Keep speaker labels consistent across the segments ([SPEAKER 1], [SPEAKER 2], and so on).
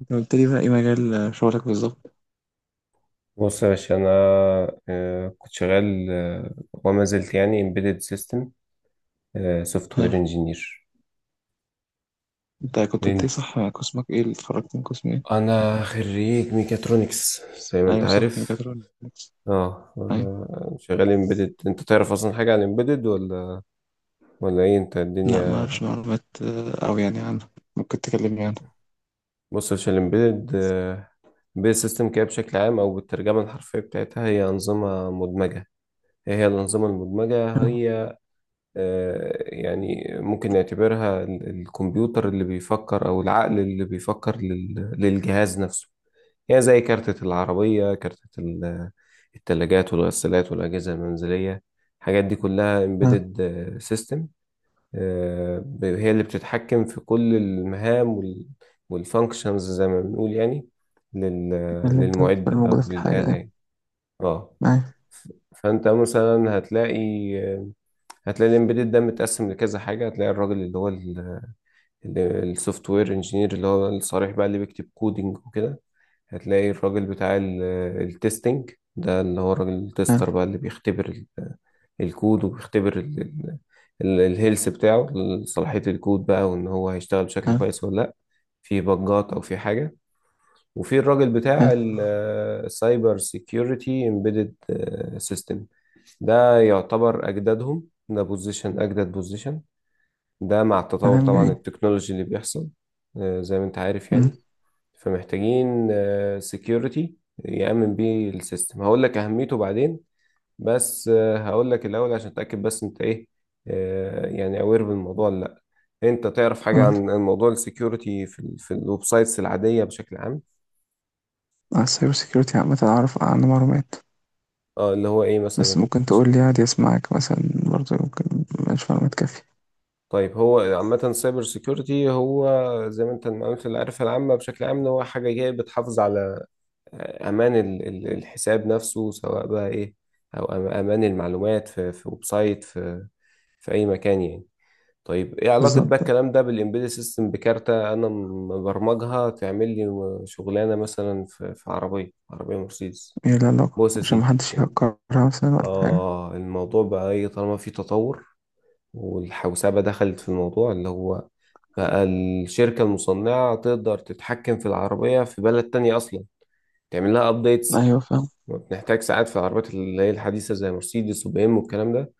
[SPEAKER 1] انت قلت لي بقى ايه مجال شغلك بالظبط؟
[SPEAKER 2] بص يا باشا أنا كنت شغال، وما زلت يعني embedded system سوفت
[SPEAKER 1] حلو.
[SPEAKER 2] وير انجينير.
[SPEAKER 1] انت كنت قلت لي صح، قسمك ايه؟ اللي اتخرجت من قسم ايه؟
[SPEAKER 2] أنا خريج ميكاترونكس زي ما أنت
[SPEAKER 1] ايوه صح،
[SPEAKER 2] عارف.
[SPEAKER 1] ميكاترونكس. ايوه.
[SPEAKER 2] شغال امبيدد. انت تعرف اصلا حاجه عن امبيدد ولا ولا انت
[SPEAKER 1] لا ما
[SPEAKER 2] الدنيا؟
[SPEAKER 1] اعرفش معلومات او يعني عنه. ممكن تكلمني عنه؟
[SPEAKER 2] بص يا باشا، الامبيدد امبيدد سيستم كده بشكل عام، او بالترجمه الحرفيه بتاعتها، هي انظمه مدمجه. ايه هي الانظمه المدمجه؟
[SPEAKER 1] حلو.
[SPEAKER 2] هي يعني ممكن نعتبرها الكمبيوتر اللي بيفكر، أو العقل اللي بيفكر للجهاز نفسه. يعني زي كارتة العربية، كارتة التلاجات والغسالات والأجهزة المنزلية. الحاجات دي كلها
[SPEAKER 1] حلو.
[SPEAKER 2] embedded system. هي اللي بتتحكم في كل المهام والfunctions زي ما بنقول، يعني لل-
[SPEAKER 1] اللي انت
[SPEAKER 2] للمعدة
[SPEAKER 1] الموجودة
[SPEAKER 2] أو
[SPEAKER 1] في الحاجة
[SPEAKER 2] للآلة
[SPEAKER 1] يعني.
[SPEAKER 2] يعني. اه.
[SPEAKER 1] ايوه.
[SPEAKER 2] ف- فأنت مثلا هتلاقي الامبيدد ده متقسم لكذا حاجه. هتلاقي الراجل اللي هو السوفت وير انجينير، اللي هو الصريح بقى اللي بيكتب كودينج وكده. هتلاقي الراجل بتاع التستنج ده، اللي هو الراجل التستر
[SPEAKER 1] حلو.
[SPEAKER 2] بقى، اللي بيختبر ال- الكود، وبيختبر الهيلث بتاعه، صلاحيه الكود بقى، وان هو هيشتغل بشكل
[SPEAKER 1] حلو.
[SPEAKER 2] كويس ولا لا، في بجات او في حاجه. وفي الراجل بتاع
[SPEAKER 1] حلو.
[SPEAKER 2] السايبر سيكيورتي امبيدد سيستم. ده يعتبر اجدادهم، ده بوزيشن اجدد، بوزيشن ده مع التطور
[SPEAKER 1] كلام
[SPEAKER 2] طبعا
[SPEAKER 1] جميل.
[SPEAKER 2] التكنولوجي اللي بيحصل، زي ما انت عارف
[SPEAKER 1] أمم.
[SPEAKER 2] يعني. فمحتاجين سكيورتي يأمن بيه السيستم. هقول لك أهميته بعدين، بس هقول لك الأول عشان أتأكد بس، انت ايه يعني أوير بالموضوع ولا لأ؟ انت تعرف حاجة
[SPEAKER 1] قول لي
[SPEAKER 2] عن موضوع السكيورتي في الويب سايتس العادية بشكل عام؟
[SPEAKER 1] على السايبر سيكيورتي عامة، اعرف عنه معلومات
[SPEAKER 2] اه اللي هو ايه
[SPEAKER 1] بس
[SPEAKER 2] مثلا؟
[SPEAKER 1] ممكن
[SPEAKER 2] عشان
[SPEAKER 1] تقول لي عادي، اسمعك مثلا برضه ممكن، مش معلومات كافية.
[SPEAKER 2] طيب، هو عامة سايبر سيكيورتي هو زي ما انت المعلومات اللي عارفها العامة بشكل عام، ان هو حاجة جاية بتحافظ على امان الحساب نفسه سواء بقى ايه، او امان المعلومات في ويب سايت، في في اي مكان يعني. طيب ايه علاقة بقى
[SPEAKER 1] بالظبط.
[SPEAKER 2] الكلام ده بالامبيدد سيستم، بكارتة انا مبرمجها تعمل لي شغلانة مثلا في عربية عربية مرسيدس؟
[SPEAKER 1] ايه العلاقة
[SPEAKER 2] بص يا
[SPEAKER 1] عشان
[SPEAKER 2] سيدي،
[SPEAKER 1] محدش يهكرها مثلا ولا حاجة؟
[SPEAKER 2] اه الموضوع بقى ايه؟ طالما في تطور والحوسبة دخلت في الموضوع، اللي هو بقى الشركة المصنعة تقدر تتحكم في العربية في بلد تانية اصلا، تعمل لها ابديتس.
[SPEAKER 1] ايوه فاهم.
[SPEAKER 2] بنحتاج ساعات في العربيات اللي هي الحديثة زي مرسيدس وبي ام والكلام ده،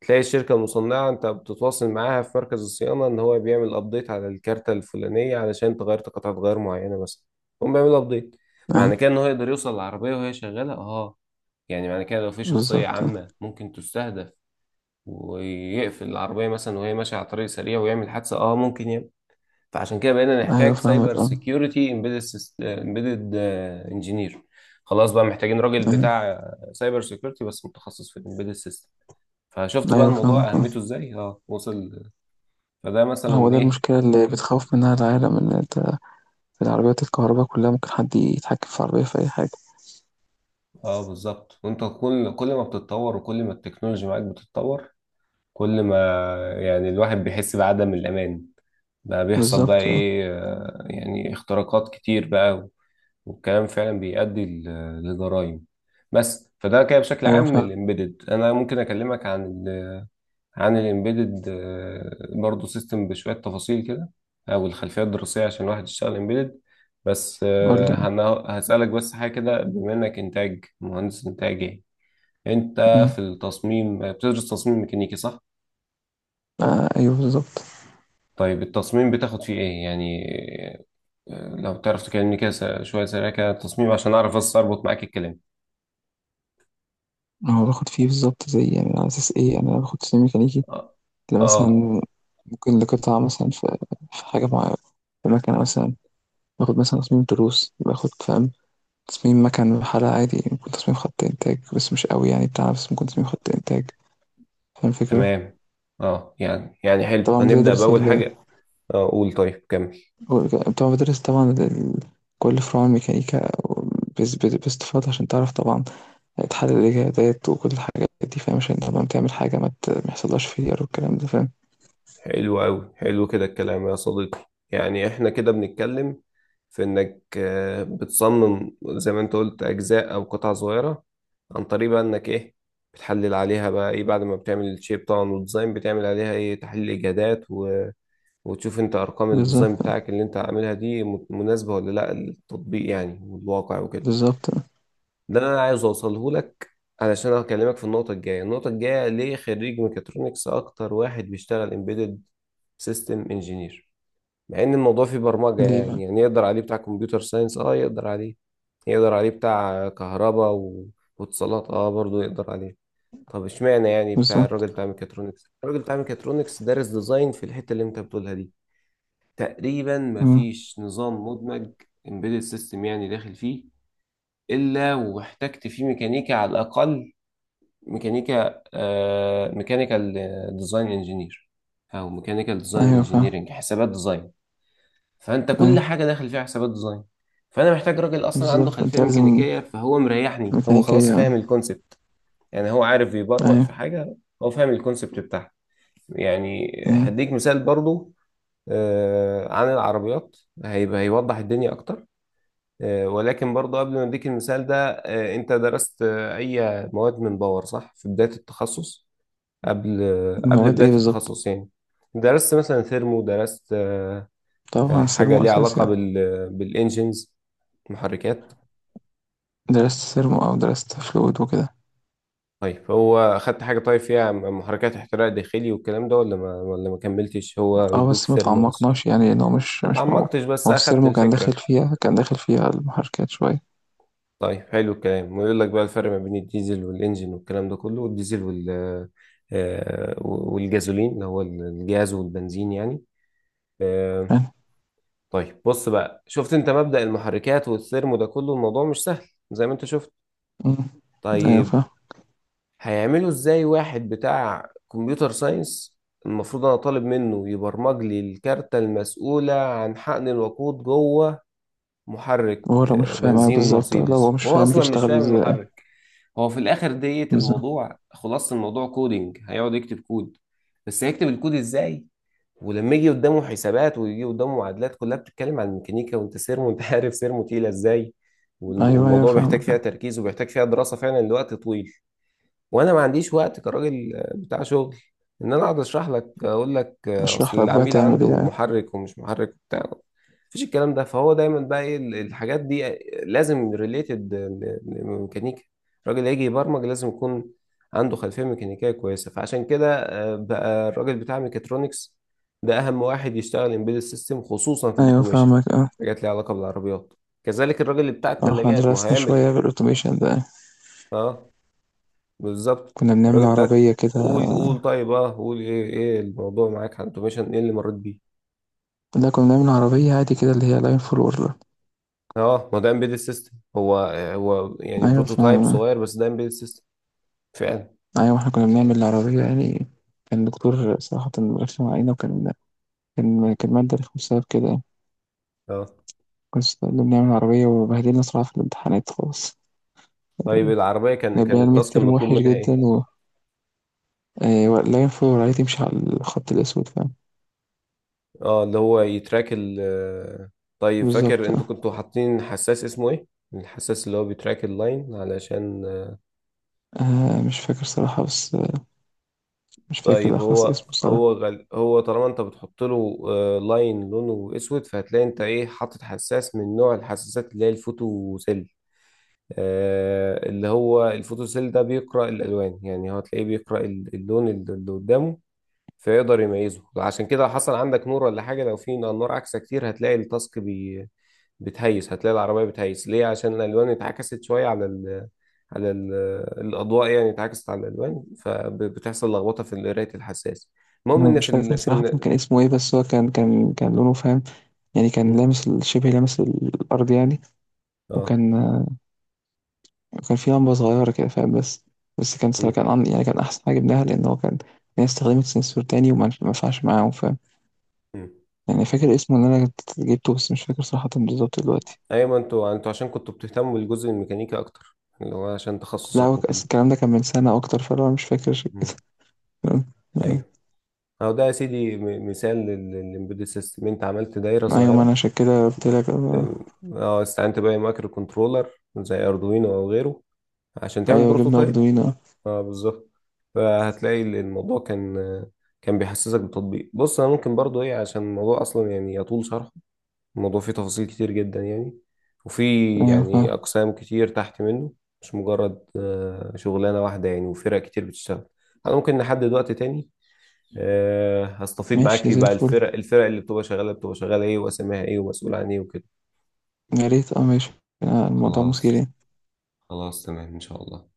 [SPEAKER 2] تلاقي الشركة المصنعة انت بتتواصل معاها في مركز الصيانة ان هو بيعمل ابديت على الكارتة الفلانية علشان تغير قطعة غيار معينة مثلا. هم بيعمل ابديت، معنى كده ان هو يقدر يوصل العربية وهي شغالة. اه يعني معنى كده لو في شخصية
[SPEAKER 1] بالضبط آه.
[SPEAKER 2] عامة ممكن تستهدف، ويقفل العربية مثلا وهي ماشية على طريق سريع ويعمل حادثة. اه ممكن يعمل. فعشان كده بقينا
[SPEAKER 1] أيوه
[SPEAKER 2] نحتاج سايبر
[SPEAKER 1] فاهمك
[SPEAKER 2] سيكيورتي امبيدد امبيدد انجينير. خلاص بقى محتاجين راجل
[SPEAKER 1] أيوه.
[SPEAKER 2] بتاع سايبر سيكيورتي بس متخصص في الامبيدد سيستم. فشفت بقى
[SPEAKER 1] أيوه
[SPEAKER 2] الموضوع
[SPEAKER 1] فاهمك آه.
[SPEAKER 2] اهميته ازاي؟ اه وصل. فده
[SPEAKER 1] هو
[SPEAKER 2] مثلا
[SPEAKER 1] ده
[SPEAKER 2] ايه.
[SPEAKER 1] المشكلة اللي بتخوّف منها العالم، إن أنت في العربيات الكهربا كُلّها ممكن حد يتحكّم في العربية في أي حاجة.
[SPEAKER 2] اه بالظبط. وانت كل ما بتتطور، وكل ما التكنولوجيا معاك بتتطور، كل ما يعني الواحد بيحس بعدم الامان. بقى بيحصل بقى
[SPEAKER 1] بالضبط آه.
[SPEAKER 2] ايه، يعني اختراقات كتير بقى، والكلام فعلا بيؤدي لجرائم. بس فده كده بشكل
[SPEAKER 1] أيوه
[SPEAKER 2] عام
[SPEAKER 1] فعلًا.
[SPEAKER 2] الامبيدد. انا ممكن اكلمك عن الامبيدد برضه سيستم بشويه تفاصيل كده، او الخلفيه الدراسيه عشان واحد يشتغل امبيدد. بس
[SPEAKER 1] قُل لي.
[SPEAKER 2] هسالك بس حاجه كده، بما انك انتاج، مهندس انتاج يعني، انت
[SPEAKER 1] إمم.
[SPEAKER 2] في التصميم بتدرس تصميم ميكانيكي صح؟
[SPEAKER 1] أيوه بالضبط.
[SPEAKER 2] طيب التصميم بتاخد فيه ايه يعني؟ لو تعرف تكلمني كده شويه سريع كده التصميم، عشان اعرف بس اربط معاك الكلام.
[SPEAKER 1] ما هو باخُد فيه بالضبط زي يعني، على أساس إيه، يعني أنا باخُد سيّ ميكانيكي
[SPEAKER 2] اه آه.
[SPEAKER 1] لمثلًا، ممكن لقطعة مثلًا في في حاجة معيّنة، في ماكينة مثلًا، باخُد مثلًا تصميم تروس، باخُد فاهم، تصميم مَكَن وحَلَق عادي، ممكن تصميم خَط إنتاج بس مش أوي يعني بتاع، بس ممكن تصميم خَط إنتاج. فاهم الفكرة؟
[SPEAKER 2] تمام. اه يعني حلو،
[SPEAKER 1] طبعا
[SPEAKER 2] هنبدأ
[SPEAKER 1] بتدرس
[SPEAKER 2] بأول
[SPEAKER 1] ال،
[SPEAKER 2] حاجة. اه قول، طيب كمل.
[SPEAKER 1] طبعا بتدرس طبعا ال-، كل فروع الميكانيكا، باستفاضة عشان تعرف طبعا تحلل الإجابات وكل الحاجات دي فاهم، عشان طبعا تعمل حاجة ما يحصلهاش فيلير والكلام ده فاهم.
[SPEAKER 2] حلو أوي، حلو كده الكلام يا صديقي. يعني احنا كده بنتكلم في انك بتصمم زي ما انت قلت اجزاء او قطع صغيرة، عن طريق بقى انك ايه، بتحلل عليها بقى ايه، بعد ما بتعمل الشيب طبعا والديزاين، بتعمل عليها ايه، تحليل اجهادات و وتشوف انت ارقام الديزاين
[SPEAKER 1] بالظبط.
[SPEAKER 2] بتاعك اللي انت عاملها دي مناسبة ولا لا للتطبيق يعني، والواقع وكده.
[SPEAKER 1] بالظبط.
[SPEAKER 2] ده انا عايز اوصله لك، علشان هكلمك في النقطه الجايه. النقطه الجايه، ليه خريج ميكاترونكس اكتر واحد بيشتغل امبيدد سيستم انجينير، مع ان الموضوع فيه برمجه
[SPEAKER 1] ليه بقى؟
[SPEAKER 2] يعني، يعني يقدر عليه بتاع كمبيوتر ساينس، اه يقدر عليه، يقدر عليه بتاع كهرباء و واتصالات، اه برضه يقدر عليه. طب اشمعنى يعني بتاع
[SPEAKER 1] بالظبط.
[SPEAKER 2] الراجل بتاع ميكاترونكس، الراجل بتاع ميكاترونكس دارس ديزاين في الحته اللي انت بتقولها دي. تقريبا
[SPEAKER 1] مم.
[SPEAKER 2] مفيش نظام مدمج امبيدد سيستم يعني داخل فيه الا واحتجت فيه ميكانيكا على الاقل، ميكانيكا، آه ميكانيكال ديزاين انجينير، او ميكانيكال ديزاين
[SPEAKER 1] أيوه فاهم.
[SPEAKER 2] انجينيرنج، حسابات ديزاين. فانت كل
[SPEAKER 1] أيوه
[SPEAKER 2] حاجه داخل فيها حسابات ديزاين، فانا محتاج راجل اصلا عنده
[SPEAKER 1] بالظبط، أنت
[SPEAKER 2] خلفيه
[SPEAKER 1] لازم
[SPEAKER 2] ميكانيكيه، فهو مريحني، هو خلاص
[SPEAKER 1] ميكانيكية.
[SPEAKER 2] فاهم الكونسبت. يعني هو عارف يبرمج في
[SPEAKER 1] أيوه.
[SPEAKER 2] حاجه هو فاهم الكونسبت بتاعها. يعني
[SPEAKER 1] مم.
[SPEAKER 2] هديك مثال برضو، آه عن العربيات، هيبقى هيوضح الدنيا اكتر. آه ولكن برضو قبل ما اديك المثال ده، آه انت درست آه اي مواد من باور صح في بدايه التخصص؟ قبل قبل
[SPEAKER 1] المواد إيه
[SPEAKER 2] بداية
[SPEAKER 1] بالظبط؟
[SPEAKER 2] التخصص يعني، درست مثلا ثيرمو، درست
[SPEAKER 1] طبعا
[SPEAKER 2] حاجة
[SPEAKER 1] سيرمو
[SPEAKER 2] ليها علاقة
[SPEAKER 1] أساسي.
[SPEAKER 2] بالإنجينز، محركات.
[SPEAKER 1] درست سيرمو أو درست فلويد وكده.
[SPEAKER 2] طيب هو أخدت حاجة طيب فيها محركات احتراق داخلي والكلام ده، ولا ما ولا ما كملتش، هو
[SPEAKER 1] اه
[SPEAKER 2] بيدوك
[SPEAKER 1] بس ما
[SPEAKER 2] ثيرمو بس؟
[SPEAKER 1] تعمقناش يعني، لأنه مش
[SPEAKER 2] ما
[SPEAKER 1] مش موضوع.
[SPEAKER 2] تعمقتش، بس
[SPEAKER 1] ما هو
[SPEAKER 2] أخدت
[SPEAKER 1] السيرمو كان داخل
[SPEAKER 2] الفكرة.
[SPEAKER 1] فيها، كان داخل فيها المحركات شوية.
[SPEAKER 2] طيب حلو الكلام، ويقول لك بقى الفرق ما بين الديزل والإنجين والكلام ده كله، والديزل والجازولين، اللي هو الجاز والبنزين يعني. آه،
[SPEAKER 1] فاهم.
[SPEAKER 2] طيب بص بقى، شفت انت مبدأ المحركات والثيرمو ده كله، الموضوع مش سهل زي ما انت شفت.
[SPEAKER 1] مم. أيوة
[SPEAKER 2] طيب
[SPEAKER 1] فاهم.
[SPEAKER 2] هيعملوا ازاي واحد بتاع كمبيوتر ساينس، المفروض انا طالب منه يبرمج لي الكارتة المسؤولة عن حقن الوقود جوه محرك
[SPEAKER 1] هو لو مش فاهم، أيوة
[SPEAKER 2] بنزين
[SPEAKER 1] بالظبط، لو هو
[SPEAKER 2] مرسيدس،
[SPEAKER 1] مش
[SPEAKER 2] وهو
[SPEAKER 1] فاهم
[SPEAKER 2] اصلا مش
[SPEAKER 1] بيشتغل
[SPEAKER 2] فاهم
[SPEAKER 1] ازاي؟
[SPEAKER 2] المحرك؟ هو في الاخر ديت
[SPEAKER 1] بالظبط.
[SPEAKER 2] الموضوع خلاص، الموضوع كودينج، هيقعد يكتب كود، بس هيكتب الكود ازاي؟ ولما يجي قدامه حسابات، ويجي قدامه معادلات كلها بتتكلم عن الميكانيكا، وانت سيرمو، انت عارف سيرمو تقيله ازاي،
[SPEAKER 1] أيوة أيوة
[SPEAKER 2] والموضوع بيحتاج فيها
[SPEAKER 1] فاهمك.
[SPEAKER 2] تركيز، وبيحتاج فيها دراسه فعلا لوقت طويل. وانا ما عنديش وقت كراجل بتاع شغل ان انا اقعد اشرح لك، اقول لك اصل
[SPEAKER 1] بشرح لك بقى
[SPEAKER 2] العميل
[SPEAKER 1] تعمل ايه
[SPEAKER 2] عنده
[SPEAKER 1] يعني؟
[SPEAKER 2] محرك ومش محرك وبتاع، مفيش الكلام ده. فهو دايما بقى ايه، الحاجات دي لازم ريليتد لميكانيكا. الراجل اللي هيجي يبرمج لازم يكون عنده خلفيه ميكانيكيه كويسه. فعشان كده بقى الراجل بتاع ميكاترونكس ده اهم واحد يشتغل امبيدد سيستم، خصوصا في
[SPEAKER 1] أيوة
[SPEAKER 2] الاوتوميشن،
[SPEAKER 1] فاهمك اه.
[SPEAKER 2] حاجات ليها علاقه بالعربيات. كذلك الراجل اللي بتاع
[SPEAKER 1] احنا
[SPEAKER 2] الثلاجات، ما
[SPEAKER 1] درسنا
[SPEAKER 2] هيعمل.
[SPEAKER 1] شوية في الأوتوميشن ده.
[SPEAKER 2] اه بالظبط.
[SPEAKER 1] كنا بنعمل
[SPEAKER 2] الراجل بتاعك،
[SPEAKER 1] عربية كده.
[SPEAKER 2] قول قول. طيب اه قول، ايه ايه الموضوع معاك على الاوتوميشن؟ ايه اللي مريت بيه؟
[SPEAKER 1] لا كنا بنعمل عربية عادي كده، اللي هي لاين فور وورلر.
[SPEAKER 2] اه ما ده امبيدد سيستم هو، هو يعني
[SPEAKER 1] أيوة
[SPEAKER 2] بروتوتايب
[SPEAKER 1] فاهم.
[SPEAKER 2] صغير بس ده امبيدد سيستم فعلا.
[SPEAKER 1] أيوة احنا كنا بنعمل العربية يعني، كان الدكتور صراحة رخم علينا، وكان كان كان مادة رخمة بسبب كده يعني.
[SPEAKER 2] اه
[SPEAKER 1] كنت اللي بنعمل عربية وبهدلنا صراحة في الامتحانات خالص.
[SPEAKER 2] طيب العربية كان
[SPEAKER 1] جاب لنا الميد
[SPEAKER 2] التاسك
[SPEAKER 1] تيرم
[SPEAKER 2] المطلوب
[SPEAKER 1] وحش
[SPEAKER 2] منها
[SPEAKER 1] جدا
[SPEAKER 2] ايه؟
[SPEAKER 1] لا ينفع العيال تمشي على الخط الأسود فاهم.
[SPEAKER 2] اه اللي هو يتراك ال طيب فاكر
[SPEAKER 1] بالظبط
[SPEAKER 2] انتوا
[SPEAKER 1] اه.
[SPEAKER 2] كنتوا حاطين حساس اسمه ايه؟ الحساس اللي هو بيتراك اللاين علشان.
[SPEAKER 1] مش فاكر صراحة بس مش فاكر
[SPEAKER 2] طيب
[SPEAKER 1] الأخص
[SPEAKER 2] هو
[SPEAKER 1] اسمه صراحة.
[SPEAKER 2] هو طالما انت بتحط له لاين لونه اسود، فهتلاقي انت ايه، حاطط حساس من نوع الحساسات اللي هي الفوتوسيل. آه اللي هو الفوتوسيل ده بيقرأ الالوان يعني، هو تلاقيه بيقرأ اللون اللي قدامه فيقدر يميزه. عشان كده حصل عندك نور ولا حاجة، لو في نور عكسة كتير هتلاقي بتهيس، هتلاقي العربية بتهيس. ليه؟ عشان الألوان اتعكست شوية على على ال... الأضواء يعني، اتعكست على الألوان، فبتحصل لخبطة في قراية الحساس. المهم
[SPEAKER 1] أنا
[SPEAKER 2] إن
[SPEAKER 1] مش
[SPEAKER 2] في
[SPEAKER 1] فاكر صراحة كان اسمه إيه، بس هو كان كان كان لونه فاهم، يعني كان
[SPEAKER 2] مم.
[SPEAKER 1] لامس ال-، شبه لامس الأرض يعني.
[SPEAKER 2] اه.
[SPEAKER 1] وكان آه، وكان في لمبة صغيرة كده فاهم، بس بس كان صراحة
[SPEAKER 2] مم.
[SPEAKER 1] يعني كان أحسن حاجة جبناها لأن هو كان. الناس استخدمت سنسور تاني وما ما ينفعش معاهم
[SPEAKER 2] مم.
[SPEAKER 1] يعني. فاكر اسمه اللي انا كنت جبته، بس مش فاكر صراحة بالظبط دلوقتي.
[SPEAKER 2] أيوة ما انتوا عشان كنتوا بتهتموا بالجزء الميكانيكي أكتر، اللي هو عشان
[SPEAKER 1] لا هو
[SPEAKER 2] تخصصك
[SPEAKER 1] أصل
[SPEAKER 2] وكده.
[SPEAKER 1] الكلام ده كان من سنة اكتر، فانا مش فاكر عشان
[SPEAKER 2] مم.
[SPEAKER 1] كده. فاهم؟
[SPEAKER 2] أيوه. أهو ده يا سيدي مثال للإمبيدد سيستم. أنت عملت دايرة
[SPEAKER 1] ايوه. ما انا
[SPEAKER 2] صغيرة،
[SPEAKER 1] عشان كده قلت لك آه.
[SPEAKER 2] أم، اه استعنت بقى مايكرو كنترولر زي اردوينو او غيره عشان تعمل
[SPEAKER 1] ايوه جبنا
[SPEAKER 2] بروتوتايب.
[SPEAKER 1] اردوينو.
[SPEAKER 2] اه بالظبط. فهتلاقي الموضوع كان كان بيحسسك بتطبيق. بص انا ممكن برضو ايه، عشان الموضوع اصلا يعني يطول شرحه، الموضوع فيه تفاصيل كتير جدا يعني، وفي
[SPEAKER 1] ايوه
[SPEAKER 2] يعني
[SPEAKER 1] فاهم.
[SPEAKER 2] اقسام كتير تحت منه، مش مجرد شغلانه واحده يعني، وفرق كتير بتشتغل. انا ممكن نحدد وقت تاني هستفيد معاك
[SPEAKER 1] ماشي
[SPEAKER 2] فيه
[SPEAKER 1] زي
[SPEAKER 2] بقى،
[SPEAKER 1] الفل.
[SPEAKER 2] الفرق اللي بتبقى شغاله، بتبقى شغاله ايه، واسمها ايه، ومسؤول عن ايه وكده.
[SPEAKER 1] يا ريت اه، ماشي. آه، الموضوع مثير
[SPEAKER 2] خلاص.
[SPEAKER 1] يعني.
[SPEAKER 2] خلاص تمام إن شاء الله.